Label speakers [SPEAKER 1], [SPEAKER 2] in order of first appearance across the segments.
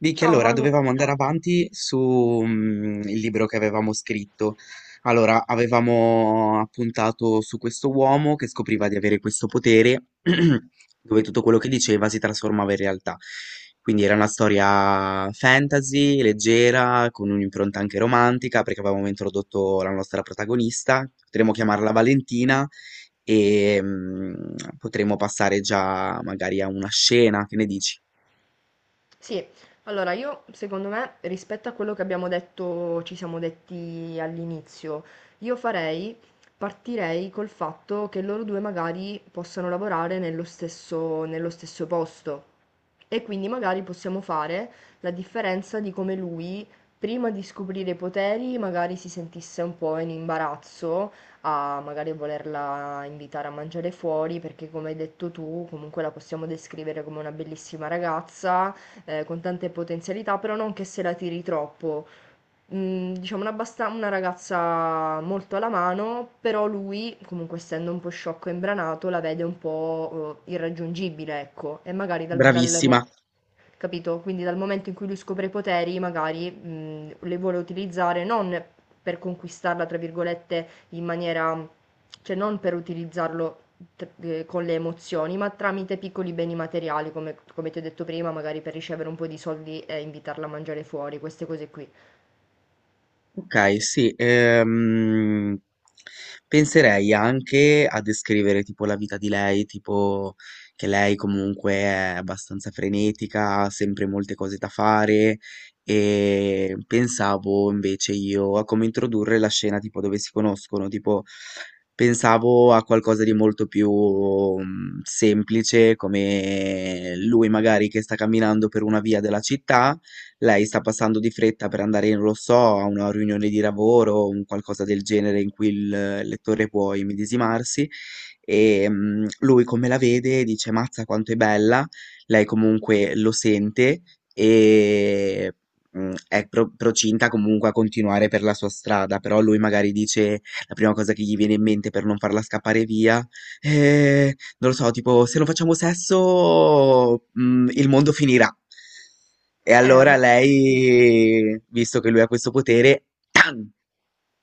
[SPEAKER 1] Vicky,
[SPEAKER 2] Ciao
[SPEAKER 1] allora
[SPEAKER 2] Manu.
[SPEAKER 1] dovevamo andare avanti su il libro che avevamo scritto. Allora, avevamo appuntato su questo uomo che scopriva di avere questo potere, dove tutto quello che diceva si trasformava in realtà. Quindi era una storia fantasy, leggera, con un'impronta anche romantica, perché avevamo introdotto la nostra protagonista. Potremmo chiamarla Valentina e potremmo passare già magari a una scena, che ne dici?
[SPEAKER 2] Sì, allora io secondo me rispetto a quello che abbiamo detto, ci siamo detti all'inizio, io farei, partirei col fatto che loro due magari possano lavorare nello stesso posto e quindi magari possiamo fare la differenza di come lui prima di scoprire i poteri magari si sentisse un po' in imbarazzo a magari volerla invitare a mangiare fuori perché come hai detto tu comunque la possiamo descrivere come una bellissima ragazza con tante potenzialità, però non che se la tiri troppo. Mhmm, diciamo una abbasta una ragazza molto alla mano, però lui, comunque essendo un po' sciocco e imbranato, la vede un po', irraggiungibile, ecco. E magari dal mo
[SPEAKER 1] Bravissima.
[SPEAKER 2] capito? Quindi dal momento in cui lui scopre i poteri magari, le vuole utilizzare non per "conquistarla" tra virgolette in maniera, cioè non per utilizzarlo t con le emozioni, ma tramite piccoli beni materiali, come ti ho detto prima, magari per ricevere un po' di soldi e invitarla a mangiare fuori, queste cose qui.
[SPEAKER 1] Okay, sì, penserei anche a descrivere tipo la vita di lei, tipo che lei comunque è abbastanza frenetica, ha sempre molte cose da fare e pensavo invece io a come introdurre la scena tipo dove si conoscono, tipo pensavo a qualcosa di molto più, semplice come lui magari che sta camminando per una via della città, lei sta passando di fretta per andare, non lo so, a una riunione di lavoro o un qualcosa del genere in cui il lettore può immedesimarsi e lui come la vede dice Mazza quanto è bella, lei comunque lo sente e è procinta comunque a continuare per la sua strada, però lui magari dice la prima cosa che gli viene in mente per non farla scappare via, non lo so, tipo se non facciamo sesso il mondo finirà. E
[SPEAKER 2] Eh,
[SPEAKER 1] allora
[SPEAKER 2] una-
[SPEAKER 1] lei, visto che lui ha questo potere, tan,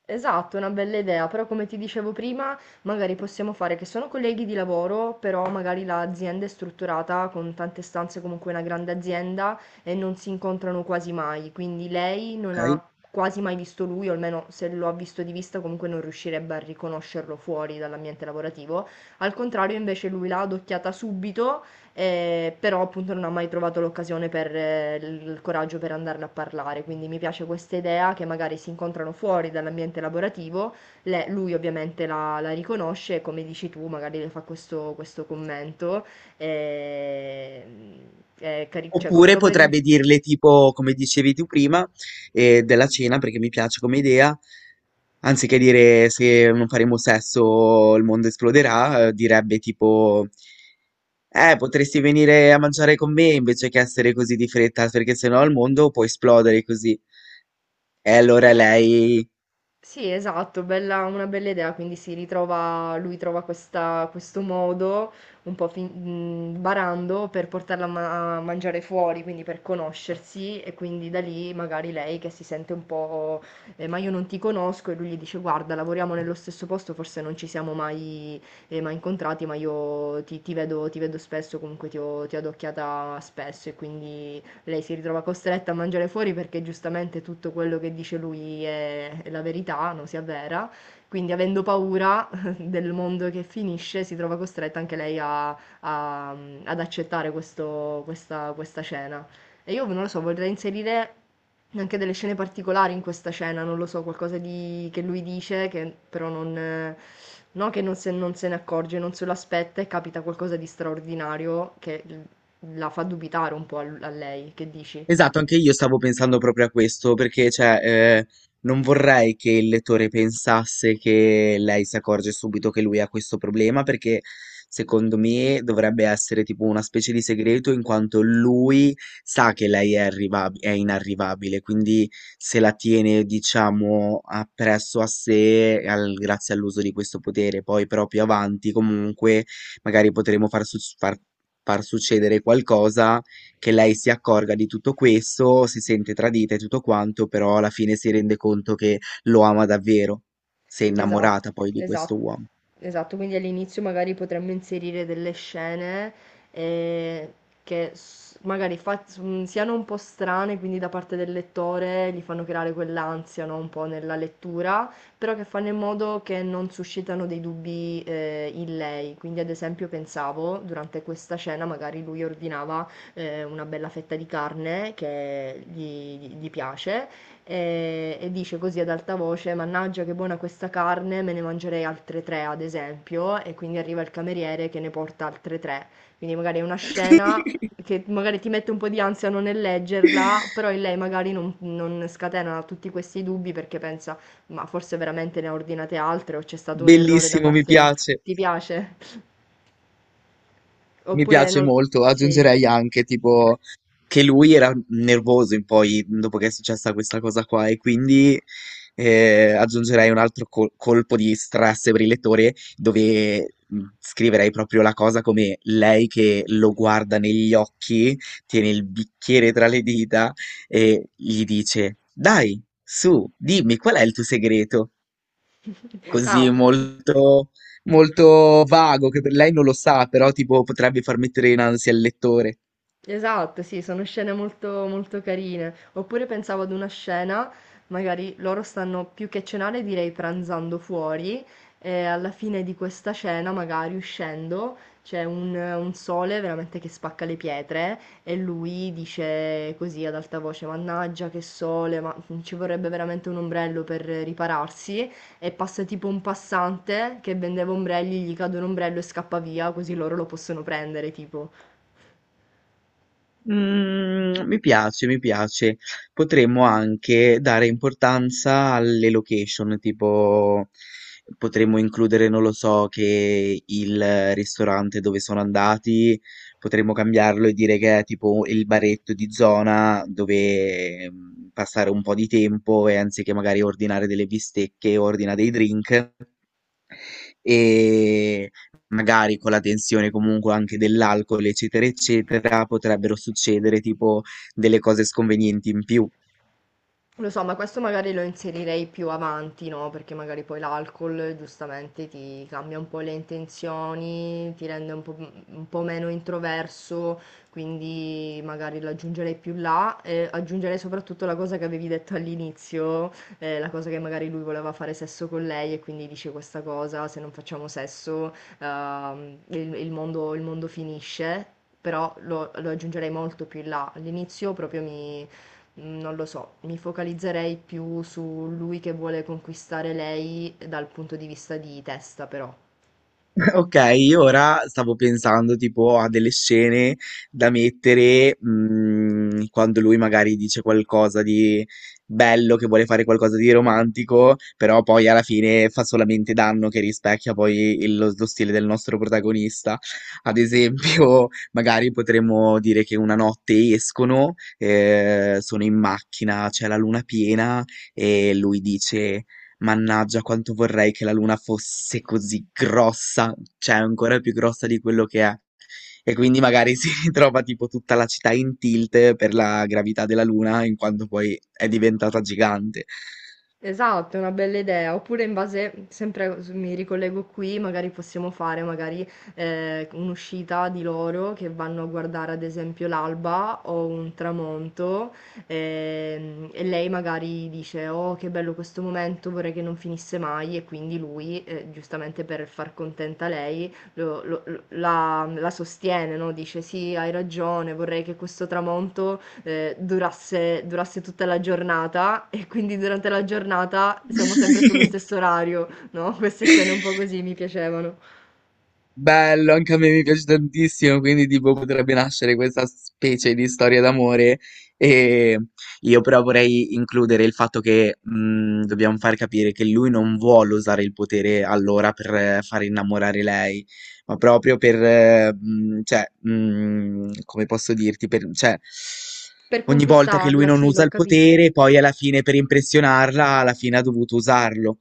[SPEAKER 2] Esatto, è una bella idea, però come ti dicevo prima, magari possiamo fare che sono colleghi di lavoro, però magari l'azienda è strutturata con tante stanze, comunque è una grande azienda e non si incontrano quasi mai, quindi lei non
[SPEAKER 1] ok?
[SPEAKER 2] ha quasi mai visto lui, o almeno se lo ha visto di vista comunque non riuscirebbe a riconoscerlo fuori dall'ambiente lavorativo. Al contrario, invece lui l'ha adocchiata subito, però appunto non ho mai trovato l'occasione per il coraggio per andarne a parlare, quindi mi piace questa idea che magari si incontrano fuori dall'ambiente lavorativo. Lui ovviamente la riconosce e come dici tu magari le fa questo commento, eh, è cari- cioè come
[SPEAKER 1] Oppure
[SPEAKER 2] lo volevi...
[SPEAKER 1] potrebbe dirle tipo, come dicevi tu prima, della cena, perché mi piace come idea, anziché dire se non faremo sesso il mondo esploderà, direbbe tipo, potresti venire a mangiare con me invece che essere così di fretta, perché sennò il mondo può esplodere così. E allora lei
[SPEAKER 2] Sì, esatto, bella, una bella idea, quindi si ritrova, lui trova questo modo, un po' fin- barando, per portarla a, a mangiare fuori, quindi per conoscersi e quindi da lì magari lei che si sente un po', ma io non ti conosco, e lui gli dice guarda, lavoriamo nello stesso posto, forse non ci siamo mai, mai incontrati, ma io ti vedo spesso, comunque ti ho adocchiata spesso, e quindi lei si ritrova costretta a mangiare fuori perché giustamente tutto quello che dice lui è la verità, non si avvera. Quindi avendo paura del mondo che finisce, si trova costretta anche lei a- ad accettare questa scena. E io non lo so, vorrei inserire anche delle scene particolari in questa scena, non lo so, qualcosa di- che lui dice, che però non, no, che non se ne accorge, non se lo aspetta e capita qualcosa di straordinario che la fa dubitare un po' a lei, che dici?
[SPEAKER 1] Esatto, anche io stavo pensando proprio a questo, perché cioè, non vorrei che il lettore pensasse che lei si accorge subito che lui ha questo problema, perché secondo me dovrebbe essere tipo una specie di segreto in quanto lui sa che lei è è inarrivabile, quindi se la tiene, diciamo, appresso a sé grazie all'uso di questo potere. Poi però più avanti comunque magari potremo far far succedere qualcosa che lei si accorga di tutto questo, si sente tradita e tutto quanto, però alla fine si rende conto che lo ama davvero. Si è
[SPEAKER 2] Esatto,
[SPEAKER 1] innamorata poi di questo
[SPEAKER 2] esatto,
[SPEAKER 1] uomo.
[SPEAKER 2] esatto. Quindi all'inizio magari potremmo inserire delle scene eh, che s- magari fa- s- siano un po' strane, quindi da parte del lettore gli fanno creare quell'ansia, no, un po' nella lettura, però che fanno in modo che non suscitano dei dubbi in lei. Quindi ad esempio pensavo, durante questa scena magari lui ordinava una bella fetta di carne che gli piace e dice così ad alta voce: Mannaggia, che buona questa carne, me ne mangerei altre tre, ad esempio. E quindi arriva il cameriere che ne porta altre tre. Quindi magari è una scena che magari ti mette un po' di ansia non nel leggerla, però in lei magari non scatena tutti questi dubbi perché pensa, ma forse veramente ne ha ordinate altre o c'è stato un errore da
[SPEAKER 1] Bellissimo, mi
[SPEAKER 2] parte...
[SPEAKER 1] piace.
[SPEAKER 2] Ti piace?
[SPEAKER 1] Mi
[SPEAKER 2] Oppure
[SPEAKER 1] piace
[SPEAKER 2] non...
[SPEAKER 1] molto,
[SPEAKER 2] Sì.
[SPEAKER 1] aggiungerei anche tipo che lui era nervoso in poi dopo che è successa questa cosa qua e quindi aggiungerei un altro colpo di stress briletore dove scriverei proprio la cosa come lei che lo guarda negli occhi, tiene il bicchiere tra le dita e gli dice Dai, su, dimmi qual è il tuo segreto? Così
[SPEAKER 2] Ah,
[SPEAKER 1] molto, molto vago, che per lei non lo sa, però tipo potrebbe far mettere in ansia il lettore.
[SPEAKER 2] esatto, sì, sono scene molto carine. Oppure pensavo ad una scena, magari loro stanno più che cenare, direi pranzando fuori, e alla fine di questa cena, magari uscendo, c'è un sole veramente che spacca le pietre e lui dice così ad alta voce, Mannaggia, che sole, ma ci vorrebbe veramente un ombrello per ripararsi. E passa tipo un passante che vendeva ombrelli, gli cade un ombrello e scappa via, così loro lo possono prendere, tipo.
[SPEAKER 1] Mm, mi piace, mi piace. Potremmo anche dare importanza alle location, tipo potremmo includere, non lo so, che il ristorante dove sono andati, potremmo cambiarlo e dire che è tipo il baretto di zona dove passare un po' di tempo e anziché magari ordinare delle bistecche, ordina dei drink. E magari con la tensione comunque anche dell'alcol, eccetera, eccetera, potrebbero succedere tipo delle cose sconvenienti in più.
[SPEAKER 2] Lo so, ma questo magari lo inserirei più avanti, no? Perché magari poi l'alcol giustamente ti cambia un po' le intenzioni, ti rende un po' meno introverso, quindi magari lo aggiungerei più là e aggiungerei soprattutto la cosa che avevi detto all'inizio, la cosa che magari lui voleva fare sesso con lei e quindi dice questa cosa, se non facciamo sesso, il mondo finisce, però lo aggiungerei molto più in là. All'inizio proprio mi mm, non lo so, mi focalizzerei più su lui che vuole conquistare lei dal punto di vista di testa, però.
[SPEAKER 1] Ok, io ora stavo pensando tipo a delle scene da mettere quando lui magari dice qualcosa di bello, che vuole fare qualcosa di romantico, però poi alla fine fa solamente danno che rispecchia poi lo, lo stile del nostro protagonista. Ad esempio, magari potremmo dire che una notte escono, sono in macchina, c'è la luna piena e lui dice... Mannaggia quanto vorrei che la luna fosse così grossa, cioè ancora più grossa di quello che è. E quindi magari si ritrova tipo tutta la città in tilt per la gravità della luna, in quanto poi è diventata gigante.
[SPEAKER 2] Esatto, è una bella idea. Oppure in base, sempre mi ricollego qui, magari possiamo fare magari un'uscita di loro che vanno a guardare ad esempio l'alba o un tramonto, e lei magari dice oh che bello questo momento, vorrei che non finisse mai, e quindi lui, giustamente per far contenta lei, la sostiene, no? Dice sì, hai ragione, vorrei che questo tramonto durasse tutta la giornata e quindi durante la giornata siamo sempre sullo stesso orario, no? Queste scene un po' così mi piacevano.
[SPEAKER 1] Bello, anche a me mi piace tantissimo, quindi tipo potrebbe nascere questa specie di storia d'amore e io però vorrei includere il fatto che dobbiamo far capire che lui non vuole usare il potere allora per far innamorare lei, ma proprio per, cioè, come posso dirti, per, cioè,
[SPEAKER 2] Per
[SPEAKER 1] ogni volta che lui
[SPEAKER 2] conquistarla,
[SPEAKER 1] non
[SPEAKER 2] sì,
[SPEAKER 1] usa
[SPEAKER 2] l'ho
[SPEAKER 1] il
[SPEAKER 2] capito.
[SPEAKER 1] potere, poi alla fine per impressionarla, alla fine ha dovuto usarlo.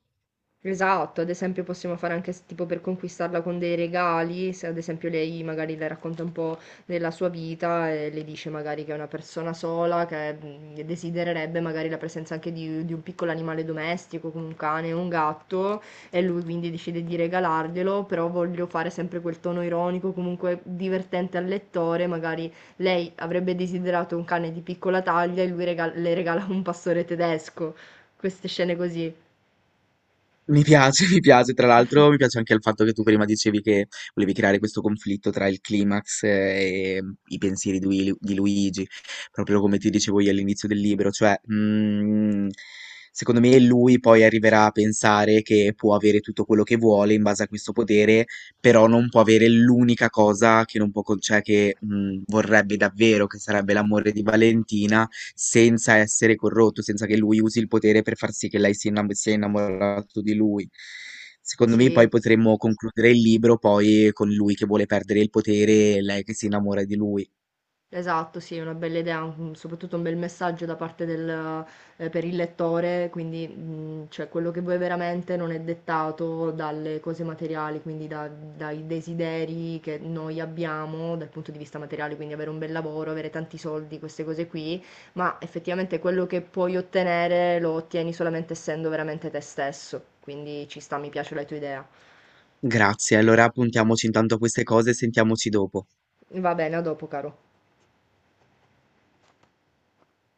[SPEAKER 2] Esatto, ad esempio possiamo fare anche tipo per conquistarla con dei regali, se ad esempio lei magari le racconta un po' della sua vita e le dice magari che è una persona sola, che mm, desidererebbe magari la presenza anche di un piccolo animale domestico, come un cane o un gatto, e lui quindi decide di regalarglielo, però voglio fare sempre quel tono ironico, comunque divertente al lettore, magari lei avrebbe desiderato un cane di piccola taglia e lui le regala un pastore tedesco, queste scene così.
[SPEAKER 1] Mi piace, mi piace. Tra l'altro, mi piace anche il fatto che tu prima dicevi che volevi creare questo conflitto tra il climax e i pensieri di, di Luigi, proprio come ti dicevo io all'inizio del libro. Cioè, secondo me lui poi arriverà a pensare che può avere tutto quello che vuole in base a questo potere, però non può avere l'unica cosa che non può, cioè che vorrebbe davvero, che sarebbe l'amore di Valentina, senza essere corrotto, senza che lui usi il potere per far sì che lei si sia innamorato di lui. Secondo me
[SPEAKER 2] Sì.
[SPEAKER 1] poi potremmo concludere il libro poi con lui che vuole perdere il potere e lei che si innamora di lui.
[SPEAKER 2] Esatto, sì, è una bella idea, un- soprattutto un bel messaggio da parte del, per il lettore, quindi cioè, quello che vuoi veramente non è dettato dalle cose materiali, quindi dai desideri che noi abbiamo dal punto di vista materiale, quindi avere un bel lavoro, avere tanti soldi, queste cose qui, ma effettivamente quello che puoi ottenere lo ottieni solamente essendo veramente te stesso, quindi ci sta, mi piace la tua idea.
[SPEAKER 1] Grazie, allora appuntiamoci intanto a queste cose e sentiamoci dopo.
[SPEAKER 2] Va bene, a dopo, caro.